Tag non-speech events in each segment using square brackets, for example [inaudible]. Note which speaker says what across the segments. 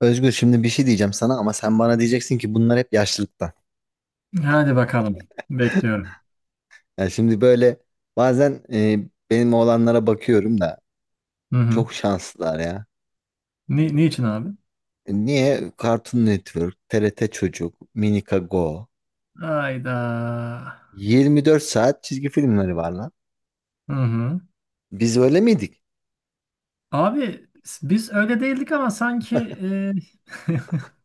Speaker 1: Özgür şimdi bir şey diyeceğim sana ama sen bana diyeceksin ki bunlar hep yaşlılıktan.
Speaker 2: Hadi bakalım. Bekliyorum.
Speaker 1: Yani şimdi böyle bazen benim oğlanlara bakıyorum da
Speaker 2: Hı hı.
Speaker 1: çok şanslılar ya.
Speaker 2: Niçin abi?
Speaker 1: E, niye? Cartoon Network, TRT Çocuk, Minika Go.
Speaker 2: Hayda.
Speaker 1: 24 saat çizgi filmleri var lan.
Speaker 2: Hı hı.
Speaker 1: Biz öyle miydik?
Speaker 2: Abi, biz öyle değildik ama sanki e, [laughs]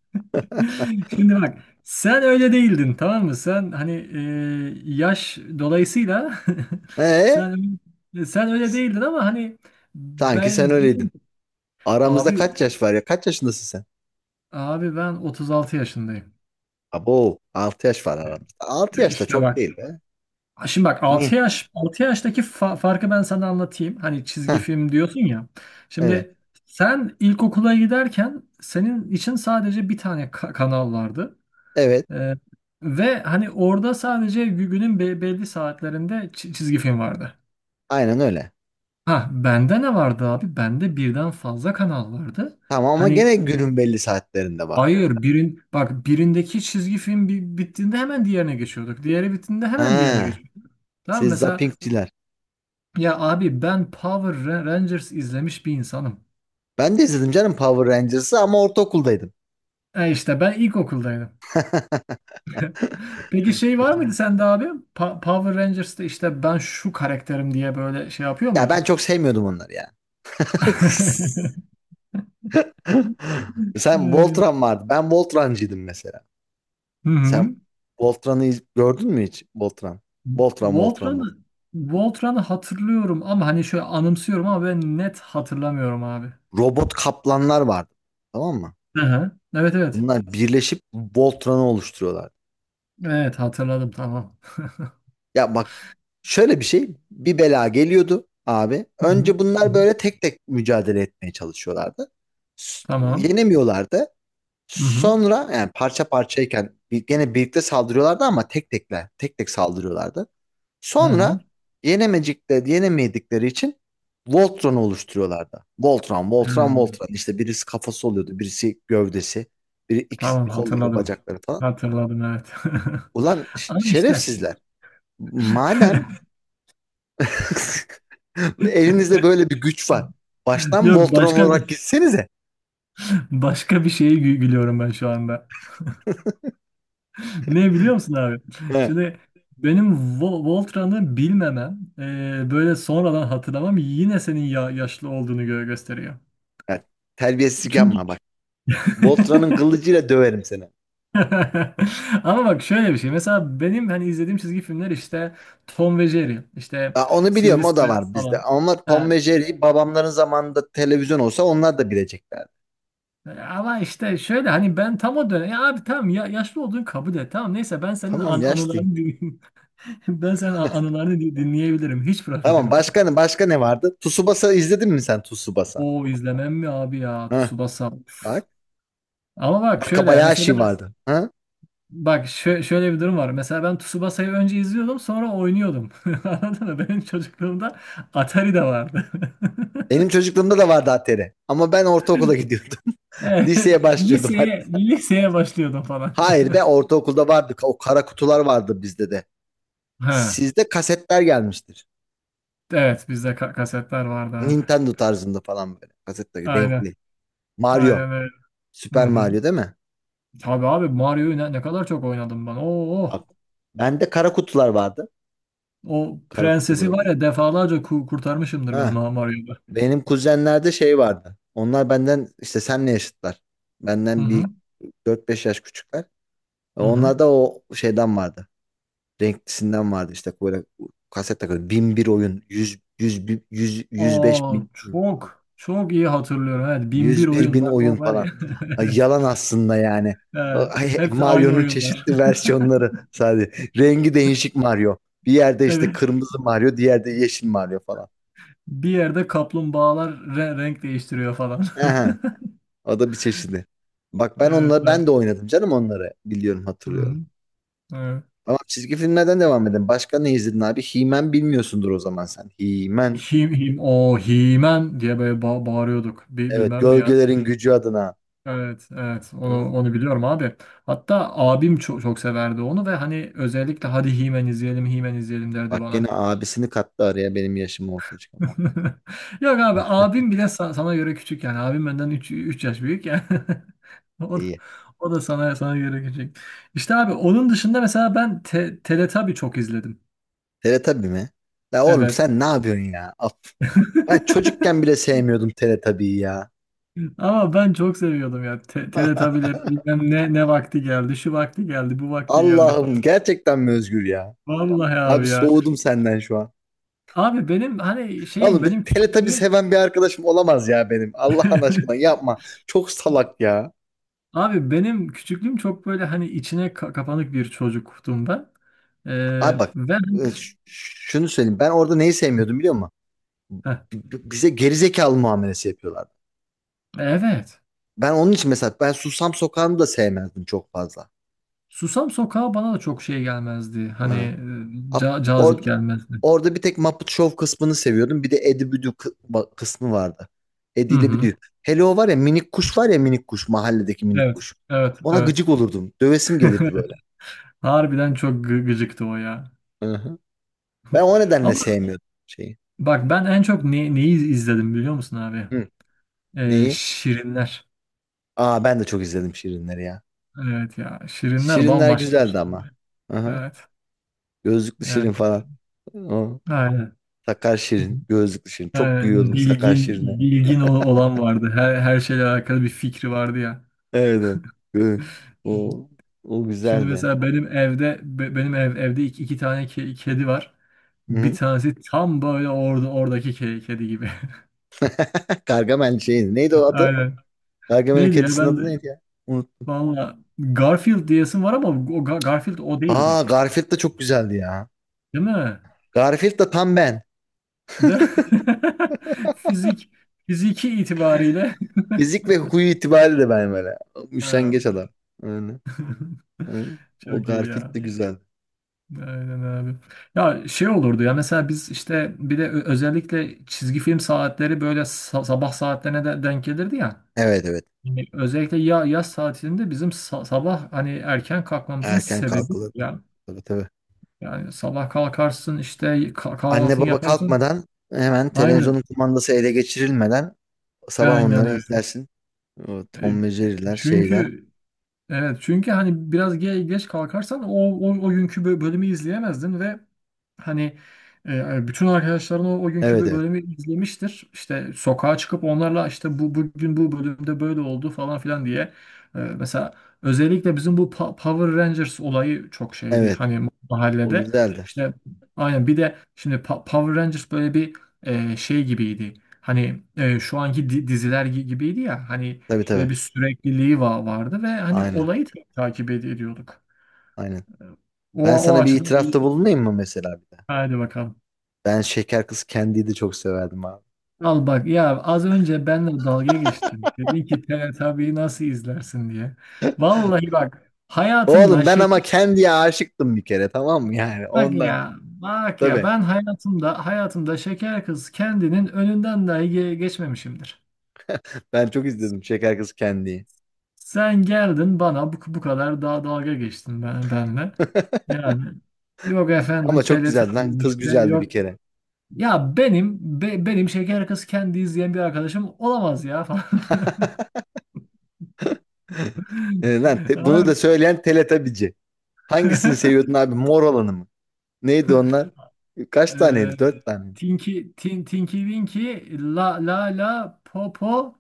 Speaker 2: şimdi bak, sen öyle değildin, tamam mı? Sen hani yaş dolayısıyla [laughs]
Speaker 1: Ee,
Speaker 2: sen sen öyle değildin ama hani
Speaker 1: Sanki sen
Speaker 2: ben
Speaker 1: öyleydin.
Speaker 2: benim
Speaker 1: Aramızda
Speaker 2: abi
Speaker 1: kaç yaş var ya? Kaç yaşındasın sen?
Speaker 2: abi ben 36 yaşındayım.
Speaker 1: Abo, 6 yaş var aramızda. Altı yaş da
Speaker 2: İşte
Speaker 1: çok
Speaker 2: bak.
Speaker 1: değil be.
Speaker 2: Şimdi bak,
Speaker 1: Niye?
Speaker 2: 6 yaştaki farkı ben sana anlatayım. Hani çizgi
Speaker 1: Heh,
Speaker 2: film diyorsun ya.
Speaker 1: evet.
Speaker 2: Şimdi sen ilkokula giderken senin için sadece bir tane kanal vardı.
Speaker 1: Evet.
Speaker 2: Ee, ve hani orada sadece günün belli saatlerinde çizgi film vardı.
Speaker 1: Aynen öyle.
Speaker 2: Ha, bende ne vardı abi? Bende birden fazla kanal vardı.
Speaker 1: Tamam ama gene
Speaker 2: Hani,
Speaker 1: günün belli saatlerinde var.
Speaker 2: hayır, bak, birindeki çizgi film bittiğinde hemen diğerine geçiyorduk. Diğeri bittiğinde hemen diğerine
Speaker 1: Ha,
Speaker 2: geçiyorduk. Tamam,
Speaker 1: siz
Speaker 2: mesela
Speaker 1: zappingçiler.
Speaker 2: ya abi, ben Power Rangers izlemiş bir insanım.
Speaker 1: Ben de izledim canım Power Rangers'ı ama ortaokuldaydım.
Speaker 2: E işte ben ilkokuldaydım. Peki şey var mıydı sende abi? Power Rangers'ta işte ben şu karakterim diye böyle şey yapıyor
Speaker 1: Ya
Speaker 2: muydun?
Speaker 1: ben çok sevmiyordum onları ya. [laughs]
Speaker 2: [laughs]
Speaker 1: Sen
Speaker 2: Hmm.
Speaker 1: Voltron vardı. Ben Voltran'cıydım mesela.
Speaker 2: Hı
Speaker 1: Sen
Speaker 2: hı.
Speaker 1: Voltran'ı gördün mü hiç? Voltran. Voltran, Voltran, Voltran.
Speaker 2: Voltran'ı Voltran'ı hatırlıyorum ama hani şöyle anımsıyorum, ama ben net hatırlamıyorum abi.
Speaker 1: Robot kaplanlar vardı. Tamam mı?
Speaker 2: Hı hı. Evet, evet.
Speaker 1: Bunlar birleşip Voltran'ı oluşturuyorlar.
Speaker 2: Evet, hatırladım, tamam.
Speaker 1: Ya bak, şöyle bir şey. Bir bela geliyordu abi.
Speaker 2: Hı hı.
Speaker 1: Önce
Speaker 2: Hı
Speaker 1: bunlar
Speaker 2: hı.
Speaker 1: böyle tek tek mücadele etmeye çalışıyorlardı.
Speaker 2: Tamam.
Speaker 1: Yenemiyorlardı.
Speaker 2: Hı hı.
Speaker 1: Sonra yani parça parçayken gene birlikte saldırıyorlardı ama tek tekler, tek tek saldırıyorlardı.
Speaker 2: Hı hı.
Speaker 1: Sonra yenemedikleri için Voltron'u oluşturuyorlardı. Voltron, Voltron,
Speaker 2: Hmm.
Speaker 1: Voltron. İşte birisi kafası oluyordu, birisi gövdesi, biri iki
Speaker 2: Tamam,
Speaker 1: kolları,
Speaker 2: hatırladım.
Speaker 1: bacakları falan.
Speaker 2: Hatırladım, evet.
Speaker 1: Ulan
Speaker 2: [laughs] Ama işte
Speaker 1: şerefsizler. Madem
Speaker 2: [laughs]
Speaker 1: [laughs] elinizde böyle bir güç var. Baştan
Speaker 2: yok,
Speaker 1: Voltron
Speaker 2: başka
Speaker 1: olarak
Speaker 2: bir
Speaker 1: gitsenize.
Speaker 2: başka bir şeye gülüyorum ben şu anda. Ne biliyor musun abi?
Speaker 1: He.
Speaker 2: Şimdi benim Voltran'ı bilmemem, böyle sonradan hatırlamam yine senin ya yaşlı olduğunu gösteriyor.
Speaker 1: Yani terbiyesizlik
Speaker 2: Çünkü
Speaker 1: yapma bak. Voltron'un
Speaker 2: [laughs]
Speaker 1: kılıcıyla döverim seni.
Speaker 2: ama bak, şöyle bir şey. Mesela benim hani izlediğim çizgi filmler işte Tom ve Jerry, işte
Speaker 1: Ya onu biliyorum, o da
Speaker 2: Sylvester
Speaker 1: var bizde.
Speaker 2: falan.
Speaker 1: Ama Tom ve Jerry babamların zamanında televizyon olsa onlar da bileceklerdi.
Speaker 2: Ama işte şöyle, hani ben tam o dönem, ya abi tamam ya, yaşlı olduğunu kabul et, tamam, neyse, ben senin
Speaker 1: Tamam, aslında yaşlıyım.
Speaker 2: anılarını dinleyeyim. [laughs] Ben senin anılarını dinleyebilirim, hiç
Speaker 1: Tamam,
Speaker 2: problem yok.
Speaker 1: başka ne vardı? Tsubasa izledin mi sen, Tsubasa?
Speaker 2: O izlemem mi abi ya,
Speaker 1: Ha,
Speaker 2: Tsubasa. Üf.
Speaker 1: bak.
Speaker 2: Ama bak şöyle mesela,
Speaker 1: Wakabayashi vardı. Ha?
Speaker 2: bak, şöyle bir durum var. Mesela ben Tsubasa'yı önce izliyordum, sonra oynuyordum. [laughs] Anladın mı? Benim çocukluğumda Atari de vardı.
Speaker 1: Benim
Speaker 2: [laughs]
Speaker 1: çocukluğumda da vardı Atari. Ama ben ortaokula gidiyordum. [laughs]
Speaker 2: Evet,
Speaker 1: Liseye başlıyordum
Speaker 2: liseye
Speaker 1: hatta.
Speaker 2: liseye başlıyordum falan.
Speaker 1: Hayır be,
Speaker 2: [laughs]
Speaker 1: ortaokulda vardı. O kara kutular vardı bizde de.
Speaker 2: Ha,
Speaker 1: Sizde kasetler gelmiştir.
Speaker 2: evet, bizde kasetler vardı abi.
Speaker 1: Nintendo tarzında falan böyle. Kasetler
Speaker 2: Aynen.
Speaker 1: renkli. Mario.
Speaker 2: Aynen öyle. Hı
Speaker 1: Süper
Speaker 2: hı.
Speaker 1: Mario değil mi?
Speaker 2: Tabii abi, Mario'yu ne kadar çok oynadım ben. Oo, oh.
Speaker 1: Bak, bende kara kutular vardı.
Speaker 2: O
Speaker 1: Kara kutu
Speaker 2: prensesi
Speaker 1: böyle.
Speaker 2: var ya, defalarca kurtarmışımdır ben
Speaker 1: Ha,
Speaker 2: Mario'da.
Speaker 1: benim kuzenlerde şey vardı. Onlar benden işte senle yaşıtlar.
Speaker 2: Hı
Speaker 1: Benden
Speaker 2: hı.
Speaker 1: bir 4-5 yaş küçükler.
Speaker 2: Hı hı.
Speaker 1: Onlarda o şeyden vardı. Renklisinden vardı, işte böyle kaset takıyordu. Bin bir oyun, 100, 100 105
Speaker 2: Aa,
Speaker 1: bin,
Speaker 2: çok çok iyi hatırlıyorum. Evet, 1001
Speaker 1: 101
Speaker 2: oyun,
Speaker 1: bin
Speaker 2: bak
Speaker 1: oyun
Speaker 2: o var
Speaker 1: falan.
Speaker 2: ya. [laughs]
Speaker 1: Ay,
Speaker 2: Evet.
Speaker 1: yalan aslında yani.
Speaker 2: He,
Speaker 1: Ay,
Speaker 2: hepsi aynı
Speaker 1: Mario'nun
Speaker 2: oyunlar.
Speaker 1: çeşitli
Speaker 2: [laughs]
Speaker 1: versiyonları sadece. Rengi değişik Mario. Bir yerde işte
Speaker 2: Evet.
Speaker 1: kırmızı Mario, diğerde yeşil Mario falan.
Speaker 2: Bir yerde kaplumbağalar renk değiştiriyor falan.
Speaker 1: Aha,
Speaker 2: [laughs]
Speaker 1: o da bir çeşidi. Bak, ben
Speaker 2: Evet.
Speaker 1: onları
Speaker 2: Evet.
Speaker 1: ben de oynadım canım, onları biliyorum,
Speaker 2: Hı hı.
Speaker 1: hatırlıyorum.
Speaker 2: Evet.
Speaker 1: Ama çizgi filmlerden devam edelim. Başka ne izledin abi? He-Man bilmiyorsundur o zaman sen. He-Man.
Speaker 2: Him, o Himen diye böyle bağırıyorduk.
Speaker 1: Evet,
Speaker 2: Bilmem mi ya.
Speaker 1: gölgelerin gücü adına.
Speaker 2: Evet, evet.
Speaker 1: Hı?
Speaker 2: Onu biliyorum abi. Hatta abim çok, çok severdi onu ve hani, özellikle "hadi Himen izleyelim, Himen izleyelim" derdi
Speaker 1: Bak, gene
Speaker 2: bana.
Speaker 1: abisini kattı araya, benim yaşımı ortaya çıkardı.
Speaker 2: [laughs] Yok abi, abim bile sana göre küçük yani. Abim benden üç yaş büyük yani. [laughs] O,
Speaker 1: İyi.
Speaker 2: o da sana göre küçük. İşte abi, onun dışında mesela ben Teletubby çok izledim.
Speaker 1: Teletabi mi? La oğlum,
Speaker 2: Evet.
Speaker 1: sen ne yapıyorsun ya? Af. Ben
Speaker 2: [laughs]
Speaker 1: çocukken bile sevmiyordum Teletabi'yi ya.
Speaker 2: Ama ben çok seviyordum ya.
Speaker 1: [laughs]
Speaker 2: Teletubby'lerin bilmem ne, vakti geldi, şu vakti geldi, bu vakti geldi
Speaker 1: Allah'ım,
Speaker 2: falan.
Speaker 1: gerçekten mi Özgür ya?
Speaker 2: Vallahi
Speaker 1: Abi,
Speaker 2: abi ya.
Speaker 1: soğudum senden şu an.
Speaker 2: Abi, benim hani şeyim,
Speaker 1: Oğlum, bir
Speaker 2: benim
Speaker 1: Teletubbies
Speaker 2: küçüklüğüm
Speaker 1: seven bir arkadaşım olamaz ya benim. Allah'ın aşkına
Speaker 2: [laughs]
Speaker 1: yapma. Çok salak ya.
Speaker 2: abi, benim küçüklüğüm çok böyle hani içine kapanık bir çocuktum ben. Ee,
Speaker 1: Abi bak,
Speaker 2: ve hani,
Speaker 1: şunu söyleyeyim. Ben orada neyi sevmiyordum biliyor musun?
Speaker 2: heh,
Speaker 1: Bize gerizekalı muamelesi yapıyorlardı.
Speaker 2: evet.
Speaker 1: Ben onun için mesela, ben Susam Sokağı'nı da sevmezdim çok fazla.
Speaker 2: Susam Sokağı bana da çok şey gelmezdi. Hani
Speaker 1: Ha. Ab-
Speaker 2: cazip
Speaker 1: Orada,
Speaker 2: gelmezdi.
Speaker 1: orada bir tek Muppet Show kısmını seviyordum. Bir de Eddie Büdü kısmı vardı.
Speaker 2: Hı
Speaker 1: Eddie ile
Speaker 2: hı.
Speaker 1: Büdü. Hele o var ya minik kuş, var ya minik kuş. Mahalledeki minik
Speaker 2: Evet.
Speaker 1: kuş.
Speaker 2: Evet,
Speaker 1: Ona
Speaker 2: evet.
Speaker 1: gıcık olurdum. Dövesim gelirdi
Speaker 2: [laughs] Harbiden çok gıcıktı o ya.
Speaker 1: böyle. Ben o nedenle
Speaker 2: Ama
Speaker 1: sevmiyordum şeyi.
Speaker 2: bak, ben en çok neyi izledim biliyor musun abi?
Speaker 1: Hı. Neyi?
Speaker 2: Şirinler.
Speaker 1: Aa, ben de çok izledim Şirinleri ya.
Speaker 2: Evet ya. Şirinler
Speaker 1: Şirinler
Speaker 2: bambaşka bir
Speaker 1: güzeldi
Speaker 2: şey.
Speaker 1: ama. Aha.
Speaker 2: Evet.
Speaker 1: Gözlüklü Şirin
Speaker 2: Evet.
Speaker 1: falan. O.
Speaker 2: Aynen.
Speaker 1: Sakar Şirin, gözlüklü Şirin. Çok
Speaker 2: Ha,
Speaker 1: gülüyordum Sakar
Speaker 2: bilgin
Speaker 1: Şirin'e.
Speaker 2: bilgin olan vardı. Her şeyle alakalı bir fikri vardı ya.
Speaker 1: Evet. Evet. O, o
Speaker 2: Şimdi
Speaker 1: güzeldi.
Speaker 2: mesela benim evde be- benim ev, evde iki tane kedi var.
Speaker 1: Hı
Speaker 2: Bir
Speaker 1: hı.
Speaker 2: tanesi tam böyle oradaki kedi gibi.
Speaker 1: [laughs] Gargamel şeydi. Neydi o
Speaker 2: [laughs]
Speaker 1: adı?
Speaker 2: Aynen.
Speaker 1: Gargamel'in
Speaker 2: Neydi ya,
Speaker 1: kedisinin
Speaker 2: ben de
Speaker 1: adı neydi ya? Unut.
Speaker 2: valla Garfield diyesim var ama o Garfield o
Speaker 1: Aa,
Speaker 2: değildi.
Speaker 1: Garfield da çok güzeldi ya.
Speaker 2: Değil mi?
Speaker 1: Garfield da tam ben.
Speaker 2: De [laughs] fizik fiziki itibariyle
Speaker 1: Fizik
Speaker 2: [laughs]
Speaker 1: ve huyu itibariyle ben böyle.
Speaker 2: ha.
Speaker 1: Üşengeç adam. Öyle.
Speaker 2: [laughs]
Speaker 1: Hı. O
Speaker 2: Çok iyi
Speaker 1: Garfield
Speaker 2: ya.
Speaker 1: de güzel.
Speaker 2: Aynen abi. Ya şey olurdu ya, mesela biz işte bir de özellikle çizgi film saatleri böyle sabah saatlerine de denk gelirdi ya.
Speaker 1: Evet, evet.
Speaker 2: Yani özellikle yaz saatinde bizim sabah hani erken kalkmamızın
Speaker 1: Erken
Speaker 2: sebebi
Speaker 1: kalkılırdı.
Speaker 2: ya.
Speaker 1: Tabii tabii.
Speaker 2: Yani sabah kalkarsın işte,
Speaker 1: Anne
Speaker 2: kahvaltını
Speaker 1: baba
Speaker 2: yaparsın.
Speaker 1: kalkmadan, hemen
Speaker 2: Aynen.
Speaker 1: televizyonun kumandası ele geçirilmeden sabah
Speaker 2: Aynen
Speaker 1: onları
Speaker 2: öyle.
Speaker 1: izlersin. O
Speaker 2: E,
Speaker 1: Tom ve Jerry'ler, şeyler.
Speaker 2: Çünkü Evet, çünkü hani biraz geç kalkarsan o günkü bölümü izleyemezdin ve hani bütün arkadaşların o günkü
Speaker 1: Evet, evet.
Speaker 2: bölümü izlemiştir. İşte sokağa çıkıp onlarla işte, bugün bu bölümde böyle oldu" falan filan diye. Mesela özellikle bizim bu Power Rangers olayı çok şeydi
Speaker 1: Evet.
Speaker 2: hani
Speaker 1: O
Speaker 2: mahallede.
Speaker 1: güzeldi.
Speaker 2: İşte aynen, bir de şimdi Power Rangers böyle bir şey gibiydi. Hani şu anki diziler gibiydi ya hani.
Speaker 1: Tabii
Speaker 2: Böyle
Speaker 1: tabii.
Speaker 2: bir sürekliliği vardı ve hani
Speaker 1: Aynen.
Speaker 2: olayı takip ediyorduk.
Speaker 1: Aynen.
Speaker 2: O,
Speaker 1: Ben
Speaker 2: o
Speaker 1: sana bir
Speaker 2: açıdan iyi.
Speaker 1: itirafta bulunayım mı mesela bir de?
Speaker 2: Hadi bakalım.
Speaker 1: Ben Şeker Kız Candy'yi de çok severdim abi.
Speaker 2: Al bak ya, az önce benle dalga geçtin. Dedin ki Teletubbies'i nasıl izlersin diye. Vallahi bak,
Speaker 1: Oğlum,
Speaker 2: hayatımda
Speaker 1: ben
Speaker 2: şeker
Speaker 1: ama Candy'ye aşıktım bir kere, tamam mı, yani
Speaker 2: bak
Speaker 1: ondan.
Speaker 2: ya bak ya
Speaker 1: Tabii.
Speaker 2: ben hayatımda şeker kız kendinin önünden dahi geçmemişimdir.
Speaker 1: Ben çok izledim Şeker Kız Candy'yi.
Speaker 2: Sen geldin bana bu kadar daha dalga geçtin benle.
Speaker 1: [laughs]
Speaker 2: Yani, yok efendim
Speaker 1: Ama çok güzeldi lan.
Speaker 2: Teletubbies
Speaker 1: Kız
Speaker 2: işte,
Speaker 1: güzeldi bir
Speaker 2: yok,
Speaker 1: kere.
Speaker 2: ya benim benim şeker kız kendi izleyen bir arkadaşım olamaz ya falan.
Speaker 1: [laughs] E, lan
Speaker 2: [laughs]
Speaker 1: bunu da
Speaker 2: Abi.
Speaker 1: söyleyen Teletabici. Hangisini seviyordun
Speaker 2: [laughs]
Speaker 1: abi? Mor olanı mı? Neydi onlar? Kaç
Speaker 2: Eee,
Speaker 1: taneydi? Dört tane mi?
Speaker 2: Tinky Winky, La La, La Popo,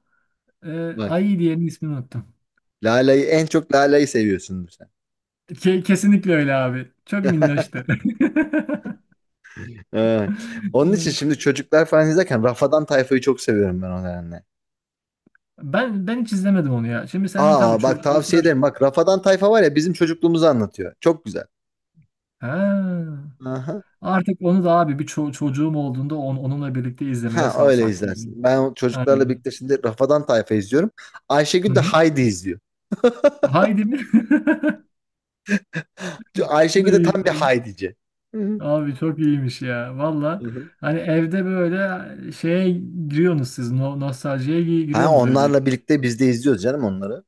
Speaker 1: Bak.
Speaker 2: Ayı diyenin ismini unuttum.
Speaker 1: Lala'yı, en çok Lala'yı seviyorsundur sen.
Speaker 2: Kesinlikle öyle abi. Çok minnoştu. [laughs]
Speaker 1: Evet. Onun için
Speaker 2: Evet.
Speaker 1: şimdi çocuklar falan izlerken Rafadan Tayfa'yı çok seviyorum ben, o nedenle.
Speaker 2: Ben hiç izlemedim onu ya. Şimdi senin tabii
Speaker 1: Aa, bak tavsiye
Speaker 2: çocuklar.
Speaker 1: ederim. Bak, Rafadan Tayfa var ya, bizim çocukluğumuzu anlatıyor. Çok güzel.
Speaker 2: Ha.
Speaker 1: Aha.
Speaker 2: Artık onu da abi, bir çocuğum olduğunda onunla birlikte izlemeye
Speaker 1: Ha,
Speaker 2: sağ
Speaker 1: öyle izlersin.
Speaker 2: saklayayım.
Speaker 1: Ben o çocuklarla
Speaker 2: Aynen.
Speaker 1: birlikte şimdi Rafadan Tayfa izliyorum.
Speaker 2: Hı
Speaker 1: Ayşegül de
Speaker 2: hı.
Speaker 1: Haydi izliyor.
Speaker 2: Haydi mi? [laughs] O da
Speaker 1: Ayşegül de
Speaker 2: iyi.
Speaker 1: tam bir Haydici. Hı
Speaker 2: Abi çok iyiymiş ya. Valla,
Speaker 1: hı.
Speaker 2: hani evde böyle şeye giriyorsunuz siz. No nostaljiye
Speaker 1: Ha,
Speaker 2: giriyorsunuz öyle.
Speaker 1: onlarla birlikte biz de izliyoruz canım onları.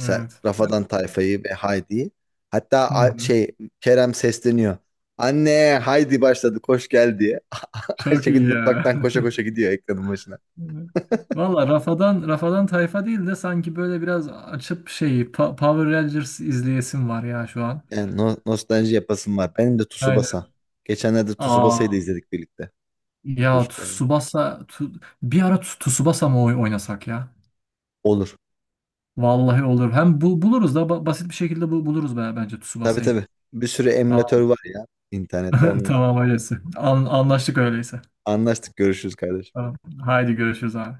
Speaker 1: Mesela
Speaker 2: Evet.
Speaker 1: Rafadan Tayfa'yı ve Haydi'yi. Hatta
Speaker 2: Hı hı.
Speaker 1: şey, Kerem sesleniyor. Anne, Haydi başladı, koş gel diye. [laughs]
Speaker 2: Çok
Speaker 1: Ayşegül
Speaker 2: iyi ya.
Speaker 1: mutfaktan koşa koşa gidiyor ekranın başına.
Speaker 2: [laughs] Valla, Rafadan tayfa değil de sanki böyle biraz açıp şeyi, Power Rangers izleyesim var ya şu an.
Speaker 1: Yani nostalji yapasım var. Benim de
Speaker 2: Aynen.
Speaker 1: Tsubasa. Geçenlerde Tsubasa'yı da
Speaker 2: Aa
Speaker 1: izledik birlikte
Speaker 2: ya,
Speaker 1: çocuklarla.
Speaker 2: Bir ara Tsubasa mı oynasak ya?
Speaker 1: Olur.
Speaker 2: Vallahi olur. Hem buluruz da basit bir şekilde buluruz bence
Speaker 1: Tabii
Speaker 2: Tsubasa'yı.
Speaker 1: tabii. Bir sürü emülatör
Speaker 2: Tamam,
Speaker 1: var ya internette.
Speaker 2: [laughs]
Speaker 1: Onunla
Speaker 2: tamam öyleyse. Anlaştık öyleyse.
Speaker 1: anlaştık. Görüşürüz kardeşim.
Speaker 2: Tamam. Haydi görüşürüz abi.